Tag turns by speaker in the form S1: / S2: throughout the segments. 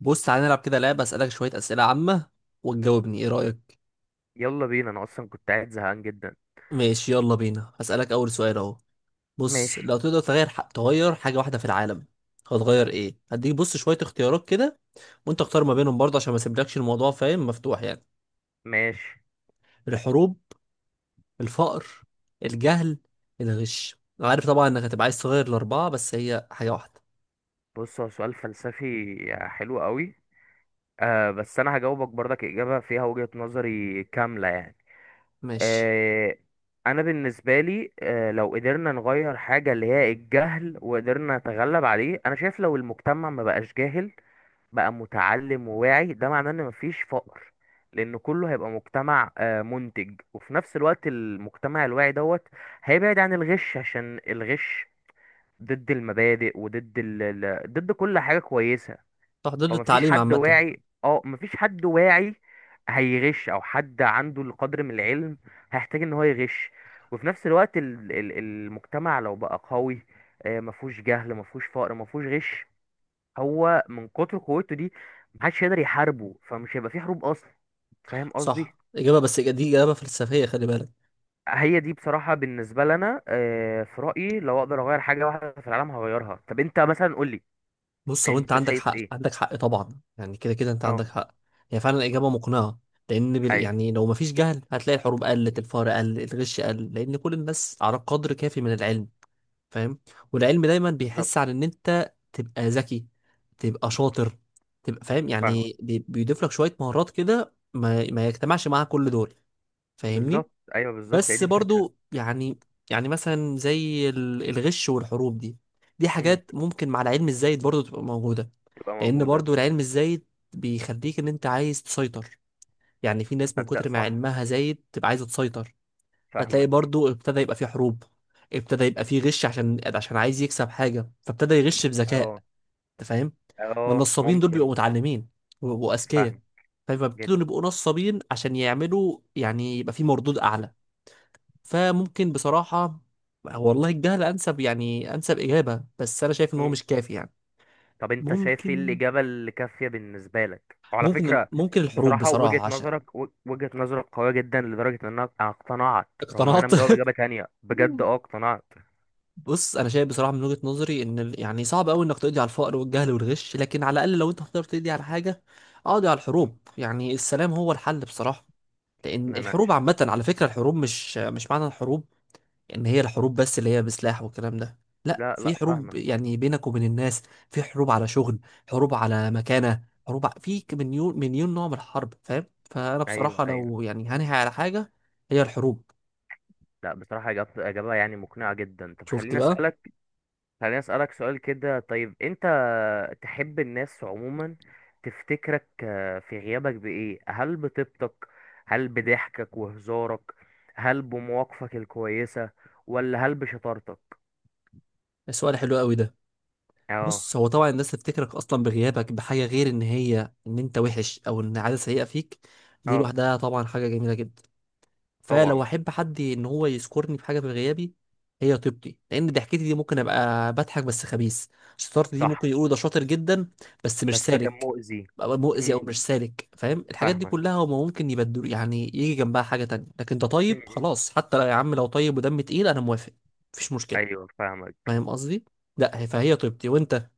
S1: بص تعالى نلعب كده لعبة أسألك شوية أسئلة عامة وتجاوبني، إيه رأيك؟
S2: يلا بينا انا اصلا كنت قاعد زهقان جدا.
S1: ماشي يلا بينا هسألك أول سؤال أهو. بص
S2: ماشي.
S1: لو تقدر تغير تغير حاجة واحدة في العالم هتغير إيه؟ هديك بص شوية اختيارات كده وأنت اختار ما بينهم برضه عشان ما اسيبلكش الموضوع، فاهم؟ مفتوح يعني:
S2: ماشي.
S1: الحروب، الفقر، الجهل، الغش. أنا عارف طبعا إنك هتبقى عايز تغير الأربعة بس هي حاجة واحدة.
S2: بص، هو سؤال فلسفي حلو قوي. آه، بس انا هجاوبك برضك اجابه فيها وجهه نظري كامله يعني.
S1: ماشي.
S2: آه. انا بالنسبه لي، لو قدرنا نغير حاجه اللي هي الجهل وقدرنا نتغلب عليه، انا شايف لو المجتمع ما بقاش جاهل بقى متعلم وواعي، ده معناه ان مفيش فقر، لان كله هيبقى مجتمع منتج. وفي نفس الوقت المجتمع الواعي دوت هيبعد عن الغش، عشان الغش ضد المبادئ وضد ضد كل حاجة كويسة.
S1: صح، ضد
S2: فمفيش
S1: التعليم
S2: حد
S1: عامة.
S2: واعي، مفيش حد واعي هيغش، او حد عنده القدر من العلم هيحتاج ان هو يغش. وفي نفس الوقت المجتمع لو بقى قوي، مفهوش جهل مفهوش فقر مفهوش غش، هو من كتر قوته دي محدش يقدر يحاربه فمش هيبقى فيه حروب اصلا. فاهم قصدي؟
S1: صح، إجابة، بس دي إجابة فلسفية خلي بالك.
S2: هي دي بصراحة بالنسبة لنا، في رأيي لو اقدر اغير حاجة واحدة في العالم هغيرها. طب انت مثلا قولي،
S1: بص هو انت
S2: انت
S1: عندك
S2: شايف
S1: حق،
S2: ايه؟
S1: عندك حق طبعا، يعني كده كده انت
S2: اه.
S1: عندك حق. هي فعلا اجابه مقنعه، لان
S2: ايوه،
S1: يعني لو مفيش جهل هتلاقي الحروب قلت، الفقر قل، الغش قل، لان كل الناس على قدر كافي من العلم، فاهم؟ والعلم دايما
S2: بالظبط.
S1: بيحس على ان انت تبقى ذكي، تبقى شاطر، تبقى فاهم،
S2: فاهمة.
S1: يعني بيضيف لك شويه مهارات كده ما يجتمعش معاها كل دول. فاهمني؟
S2: بالظبط، ايوه بالظبط، هي
S1: بس
S2: دي الفكرة.
S1: برضو يعني، يعني مثلا زي الغش والحروب دي، دي
S2: امم.
S1: حاجات ممكن مع العلم الزايد برضو تبقى موجودة.
S2: تبقى
S1: لأن
S2: موجودة.
S1: برضو العلم الزايد بيخليك إن أنت عايز تسيطر، يعني في
S2: بس
S1: ناس من
S2: تصدق،
S1: كتر ما
S2: صح.
S1: علمها زايد تبقى عايزة تسيطر. فتلاقي
S2: فاهمك.
S1: برضو ابتدى يبقى في حروب، ابتدى يبقى في غش عشان عايز يكسب حاجة فابتدى يغش بذكاء.
S2: اه،
S1: أنت فاهم؟ ما
S2: اه،
S1: النصابين دول بيبقوا
S2: ممكن.
S1: متعلمين وبيبقوا أذكياء،
S2: فاهمك جدا.
S1: فبيبتدوا يبقوا نصابين عشان يعملوا، يعني يبقى في مردود أعلى. فممكن بصراحة، والله الجهل أنسب يعني، أنسب إجابة، بس أنا شايف إن هو
S2: امم.
S1: مش كافي يعني.
S2: طب انت شايف ايه
S1: ممكن
S2: الإجابة اللي كافية بالنسبة لك؟ وعلى
S1: ممكن
S2: فكرة،
S1: ممكن الحروب
S2: بصراحة وجهة
S1: بصراحة عشان
S2: نظرك وجهة نظرك قوية جدا لدرجة ان انا اقتنعت، رغم ان انا
S1: اقتنعت.
S2: مجاوب إجابة تانية بجد، اقتنعت.
S1: بص أنا شايف بصراحة من وجهة نظري إن يعني صعب أوي إنك تقضي على الفقر والجهل والغش، لكن على الأقل لو أنت هتقدر تقضي على حاجة اقضي على
S2: مم.
S1: الحروب، يعني السلام هو الحل بصراحة.
S2: ان
S1: لأن
S2: انا
S1: الحروب
S2: ش...
S1: عامة، على فكرة الحروب مش معنى الحروب ان هي الحروب بس اللي هي بسلاح والكلام ده، لا،
S2: لا، لا،
S1: في حروب
S2: فاهمك.
S1: يعني بينك وبين الناس، في حروب على شغل، حروب على مكانة، حروب مليون مليون نوع من الحرب، فاهم؟ فانا
S2: ايوه،
S1: بصراحة
S2: ايوه.
S1: لو يعني هنهي على حاجة هي الحروب.
S2: لا بصراحة، إجابة إجابة يعني مقنعة جدا. طب
S1: شفت
S2: خليني
S1: بقى؟
S2: أسألك. سؤال كده. طيب، أنت تحب الناس عموما، تفتكرك في غيابك بإيه؟ هل بطيبتك؟ هل بضحكك وهزارك؟ هل بمواقفك الكويسة؟ ولا هل بشطارتك؟
S1: السؤال حلو قوي ده.
S2: اه.
S1: بص هو طبعا الناس تفتكرك اصلا بغيابك بحاجة غير ان هي ان انت وحش او ان عادة سيئة فيك، دي
S2: اه
S1: لوحدها طبعا حاجة جميلة جدا.
S2: طبعا.
S1: فلو احب حد ان هو يذكرني بحاجه في غيابي هي طيبتي، لان ضحكتي دي ممكن ابقى بضحك بس خبيث، شطارتي دي ممكن
S2: صح
S1: يقولوا ده شاطر جدا بس مش
S2: بس كان
S1: سالك،
S2: مؤذي.
S1: أبقى مؤذي او
S2: امم.
S1: مش سالك. فاهم؟ الحاجات دي
S2: فاهمك.
S1: كلها هما ممكن يبدل، يعني يجي جنبها حاجه تانية، لكن ده
S2: امم.
S1: طيب
S2: امم.
S1: خلاص، حتى لو يا عم لو طيب ودم تقيل انا موافق، مفيش مشكله.
S2: أيوه، فاهمك.
S1: فاهم قصدي؟ لا فهي طيبتي، وانت؟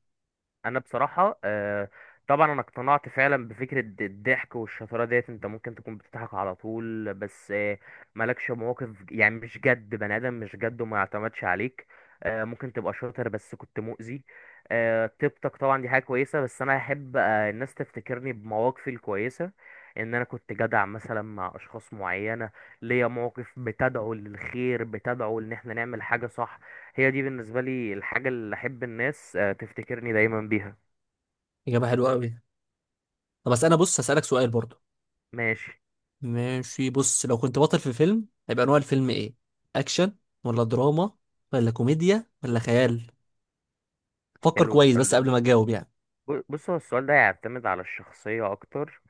S2: انا بصراحه، طبعا انا اقتنعت فعلا بفكره الضحك والشطاره ديت. انت ممكن تكون بتضحك على طول بس، مالكش مواقف، يعني مش جد، بني ادم مش جد وما يعتمدش عليك. ممكن تبقى شاطر بس كنت مؤذي. طيبتك طبعا دي حاجه كويسه، بس انا احب الناس تفتكرني بمواقفي الكويسه، ان انا كنت جدع مثلا مع اشخاص معينه، ليا مواقف بتدعو للخير، بتدعو ان احنا نعمل حاجه صح. هي دي بالنسبة لي الحاجة اللي أحب الناس تفتكرني دايما بيها.
S1: اجابه حلوه قوي. طب بس انا بص هسالك سؤال برضو.
S2: ماشي.
S1: ماشي، بص لو كنت بطل في فيلم هيبقى نوع الفيلم ايه؟ اكشن ولا دراما ولا كوميديا ولا خيال؟ فكر
S2: حلو
S1: كويس
S2: السؤال
S1: بس
S2: ده.
S1: قبل ما تجاوب يعني.
S2: بص هو السؤال ده يعتمد على الشخصية أكتر.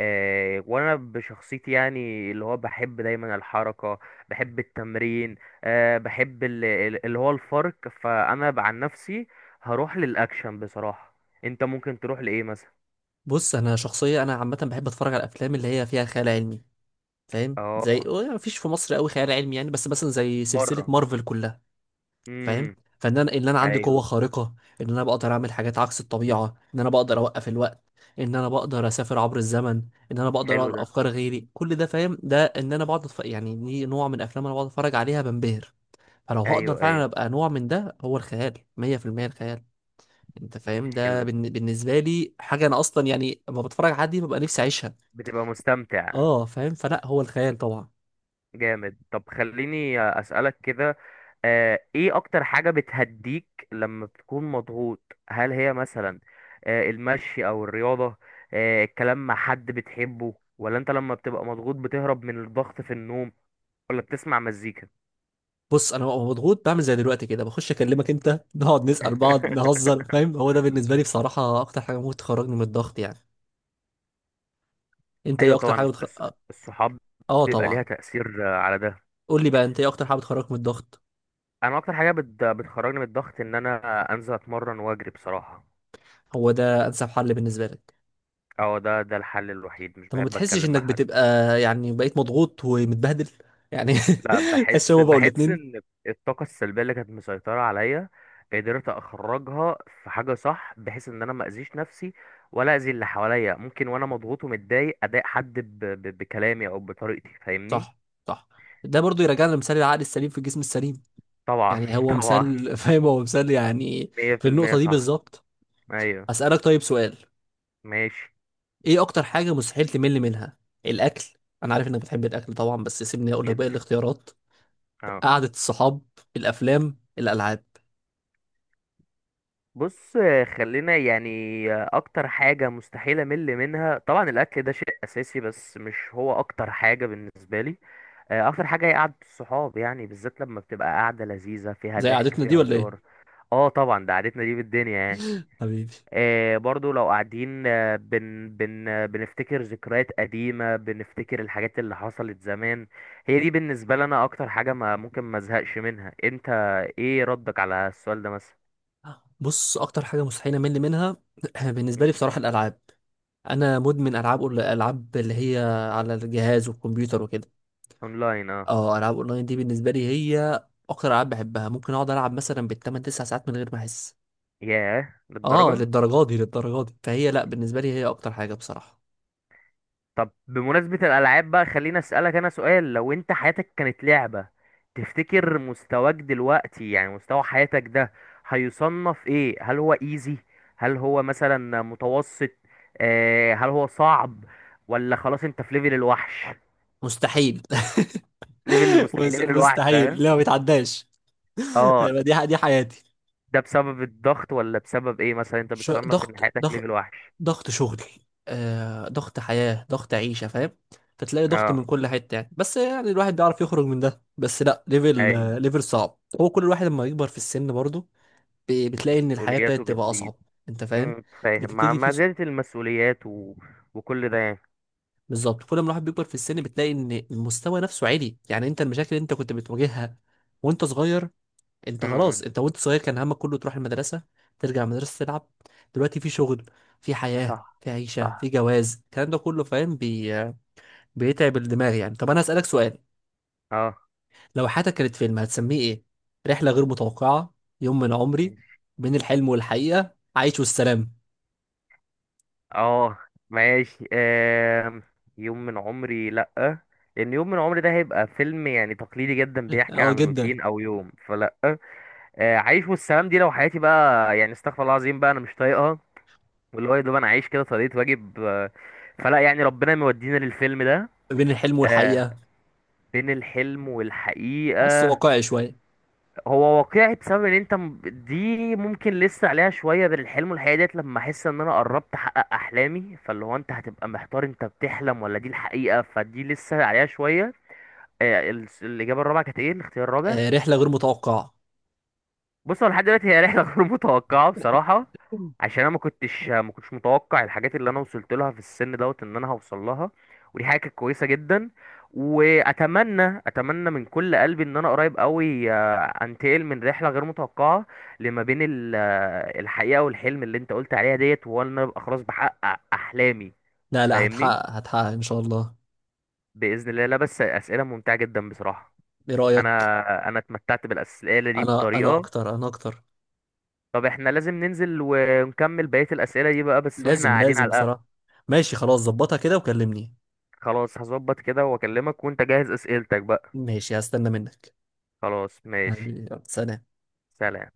S2: وأنا بشخصيتي يعني اللي هو بحب دايما الحركة، بحب التمرين، بحب اللي هو الفرق. فأنا عن نفسي هروح للأكشن بصراحة. أنت ممكن تروح لإيه مثلا؟
S1: بص انا شخصيه، انا عامه بحب اتفرج على الافلام اللي هي فيها خيال علمي، فاهم؟ زي
S2: اه.
S1: مفيش في مصر قوي خيال علمي يعني، بس مثلا زي سلسله
S2: بره.
S1: مارفل كلها، فاهم؟
S2: امم.
S1: فان انا ان انا عندي قوه
S2: أيوه.
S1: خارقه، ان انا بقدر اعمل حاجات عكس الطبيعه، ان انا بقدر اوقف الوقت، ان انا بقدر اسافر عبر الزمن، ان انا بقدر
S2: حلو
S1: اقرا
S2: ده.
S1: افكار غيري، كل ده فاهم؟ ده ان انا بقعد يعني دي نوع من افلام انا بقعد اتفرج عليها بنبهر. فلو هقدر
S2: أيوه، أيوه.
S1: فعلا ابقى نوع من ده، هو الخيال، 100%، الخيال. انت فاهم ده
S2: حلو.
S1: بالنسبه لي حاجه انا اصلا، يعني لما بتفرج على حد دي ببقى نفسي اعيشها.
S2: بتبقى مستمتع.
S1: اه فاهم، فلا هو الخيال طبعا.
S2: جامد. طب خليني أسألك كده، ايه اكتر حاجة بتهديك لما بتكون مضغوط؟ هل هي مثلا المشي او الرياضة، الكلام مع حد بتحبه، ولا انت لما بتبقى مضغوط بتهرب من الضغط في النوم، ولا بتسمع مزيكا؟
S1: بص انا ببقى مضغوط بعمل زي دلوقتي كده، بخش اكلمك انت، نقعد نسأل بعض، نهزر، فاهم؟ هو ده بالنسبه لي بصراحه اكتر حاجه ممكن تخرجني من الضغط يعني. انت ايه
S2: ايوه
S1: اكتر
S2: طبعا،
S1: حاجه
S2: الصحاب
S1: اه
S2: بيبقى ليها
S1: طبعا.
S2: تأثير على ده.
S1: قول لي بقى انت، ايه اكتر حاجه بتخرجك من الضغط؟
S2: انا اكتر حاجة بتخرجني من الضغط ان انا انزل اتمرن واجري بصراحة.
S1: هو ده انسب حل بالنسبه لك؟
S2: اه، ده الحل الوحيد، مش
S1: انت ما
S2: بحب
S1: بتحسش
S2: اتكلم مع
S1: انك
S2: حد.
S1: بتبقى، يعني بقيت مضغوط ومتبهدل يعني؟
S2: لا،
S1: تحس؟
S2: بحس،
S1: هو بقول الاتنين.
S2: ان الطاقه السلبيه اللي كانت مسيطره عليا قدرت اخرجها في حاجه صح، بحيث ان انا ما اذيش نفسي ولا اذي اللي حواليا. ممكن وانا مضغوط ومتضايق اضايق حد بكلامي او بطريقتي فاهمني.
S1: صح، صح. ده برضو يرجعنا لمثال العقل السليم في الجسم السليم
S2: طبعا
S1: يعني، هو
S2: طبعا.
S1: مثال فاهم؟ هو مثال يعني، في
S2: 100%
S1: النقطه دي
S2: صح.
S1: بالظبط.
S2: ايوه.
S1: اسالك طيب سؤال:
S2: ماشي.
S1: ايه اكتر حاجة مستحيل تمل منها؟ الاكل؟ انا عارف انك بتحب الاكل طبعا، بس سيبني اقول لك باقي
S2: جدا.
S1: الاختيارات:
S2: اه.
S1: قعدة الصحاب، الافلام، الالعاب.
S2: بص، خلينا يعني، اكتر حاجه مستحيل امل منها طبعا الاكل، ده شيء اساسي بس مش هو اكتر حاجه بالنسبه لي. اكتر حاجه هي قعده الصحاب، يعني بالذات لما بتبقى قعده لذيذه فيها
S1: زي
S2: ضحك
S1: قعدتنا دي
S2: فيها
S1: ولا ايه؟
S2: هزار. اه طبعا، ده قعدتنا دي بالدنيا يعني.
S1: حبيبي.
S2: آه برضو لو قاعدين، آه، بن بن آه، بنفتكر ذكريات قديمه، بنفتكر الحاجات اللي حصلت زمان. هي دي بالنسبه لنا اكتر حاجه ما ممكن ما ازهقش منها. انت ايه ردك على السؤال ده مثلا؟
S1: بص اكتر حاجة مستحيل امل منها بالنسبة لي
S2: مم.
S1: بصراحة الالعاب. انا مدمن العاب العاب اللي هي على الجهاز والكمبيوتر وكده.
S2: اونلاين اه.
S1: اه، العاب اونلاين دي بالنسبة لي هي اكتر العاب بحبها، ممكن اقعد العب مثلا بالتمن تسع ساعات من غير ما احس.
S2: ياه،
S1: اه
S2: للدرجه.
S1: للدرجات دي، للدرجات دي، فهي لا بالنسبة لي هي اكتر حاجة بصراحة.
S2: طب بمناسبة الألعاب بقى خليني أسألك أنا سؤال، لو أنت حياتك كانت لعبة، تفتكر مستواك دلوقتي يعني مستوى حياتك ده هيصنف إيه؟ هل هو إيزي؟ هل هو مثلا متوسط؟ هل هو صعب؟ ولا خلاص أنت في ليفل الوحش؟
S1: مستحيل.
S2: ليفل المستحيل، ليفل الوحش،
S1: مستحيل،
S2: ها؟
S1: لا ما بيتعداش.
S2: اه.
S1: دي دي حياتي.
S2: ده بسبب الضغط ولا بسبب إيه مثلا أنت بتصنف إن
S1: ضغط
S2: حياتك
S1: ضغط
S2: ليفل وحش؟
S1: ضغط شغل، ضغط حياة، ضغط عيشة، فاهم؟ فتلاقي ضغط من
S2: اه،
S1: كل حتة يعني، بس يعني الواحد بيعرف يخرج من ده، بس لا ليفل
S2: أي.
S1: ليفل صعب، هو كل الواحد لما يكبر في السن برضه بتلاقي ان الحياة
S2: مسؤولياته
S1: ابتدت تبقى
S2: بتزيد.
S1: اصعب. انت فاهم؟
S2: فاهم، مع
S1: بتبتدي في
S2: زيادة المسؤوليات وكل ده يعني.
S1: بالظبط كل ما الواحد بيكبر في السن بتلاقي ان المستوى نفسه عالي، يعني انت المشاكل اللي انت كنت بتواجهها وانت صغير، انت خلاص،
S2: امم.
S1: انت وانت صغير كان همك كله تروح المدرسة، ترجع المدرسة تلعب، دلوقتي في شغل، في حياة،
S2: صح.
S1: في عيشة،
S2: صح.
S1: في جواز، الكلام ده كله فاهم؟ بيتعب الدماغ يعني. طب انا هسألك سؤال:
S2: اه
S1: لو حياتك كانت فيلم هتسميه ايه؟ رحلة غير متوقعة، يوم من عمري،
S2: ماشي.
S1: بين الحلم والحقيقة، عايش والسلام؟
S2: اه ماشي. يوم من عمري، لأ. لأن يوم من عمري ده هيبقى فيلم يعني تقليدي جدا بيحكي
S1: اه
S2: عن
S1: جدا.
S2: روتين أو يوم، فلأ. عيش والسلام دي لو حياتي بقى يعني، استغفر الله العظيم، بقى أنا مش طايقها، واللي هو يا دوب أنا عايش كده طريقة واجب، فلأ يعني ربنا مودينا للفيلم ده.
S1: بين الحلم
S2: آه،
S1: والحقيقة،
S2: بين الحلم
S1: حاسه
S2: والحقيقة.
S1: واقعي شوية.
S2: هو واقعي بسبب ان انت دي ممكن لسه عليها شويه، بين الحلم والحقيقه ديت لما احس ان انا قربت احقق احلامي، فاللي هو انت هتبقى محتار انت بتحلم ولا دي الحقيقه، فدي لسه عليها شويه. الاجابه الرابعه كانت ايه الاختيار الرابع؟
S1: آه رحلة غير متوقعة.
S2: بص هو لحد دلوقتي هي رحله غير متوقعه بصراحه، عشان انا ما كنتش متوقع الحاجات اللي انا وصلت لها في السن دوت ان انا هوصل لها، ودي حاجه كانت كويسه جدا. واتمنى من كل قلبي ان انا قريب قوي، انتقل من رحله غير متوقعه لما بين الحقيقه والحلم اللي انت قلت عليها ديت، وان انا ابقى خلاص بحقق احلامي.
S1: لا لا،
S2: فاهمني؟
S1: هتحقق هتحقق ان شاء الله.
S2: باذن الله. لا بس اسئله ممتعه جدا بصراحه.
S1: ايه رأيك؟
S2: انا اتمتعت بالاسئله دي
S1: انا انا
S2: بطريقه.
S1: اكتر انا اكتر
S2: طب احنا لازم ننزل ونكمل بقية الأسئلة دي بقى بس واحنا
S1: لازم
S2: قاعدين
S1: لازم
S2: على القهوة.
S1: بصراحة. ماشي خلاص، ظبطها كده وكلمني.
S2: خلاص هظبط كده واكلمك، وانت جهز أسئلتك بقى.
S1: ماشي هستنى منك.
S2: خلاص ماشي.
S1: حبيبي، يلا، سلام.
S2: سلام.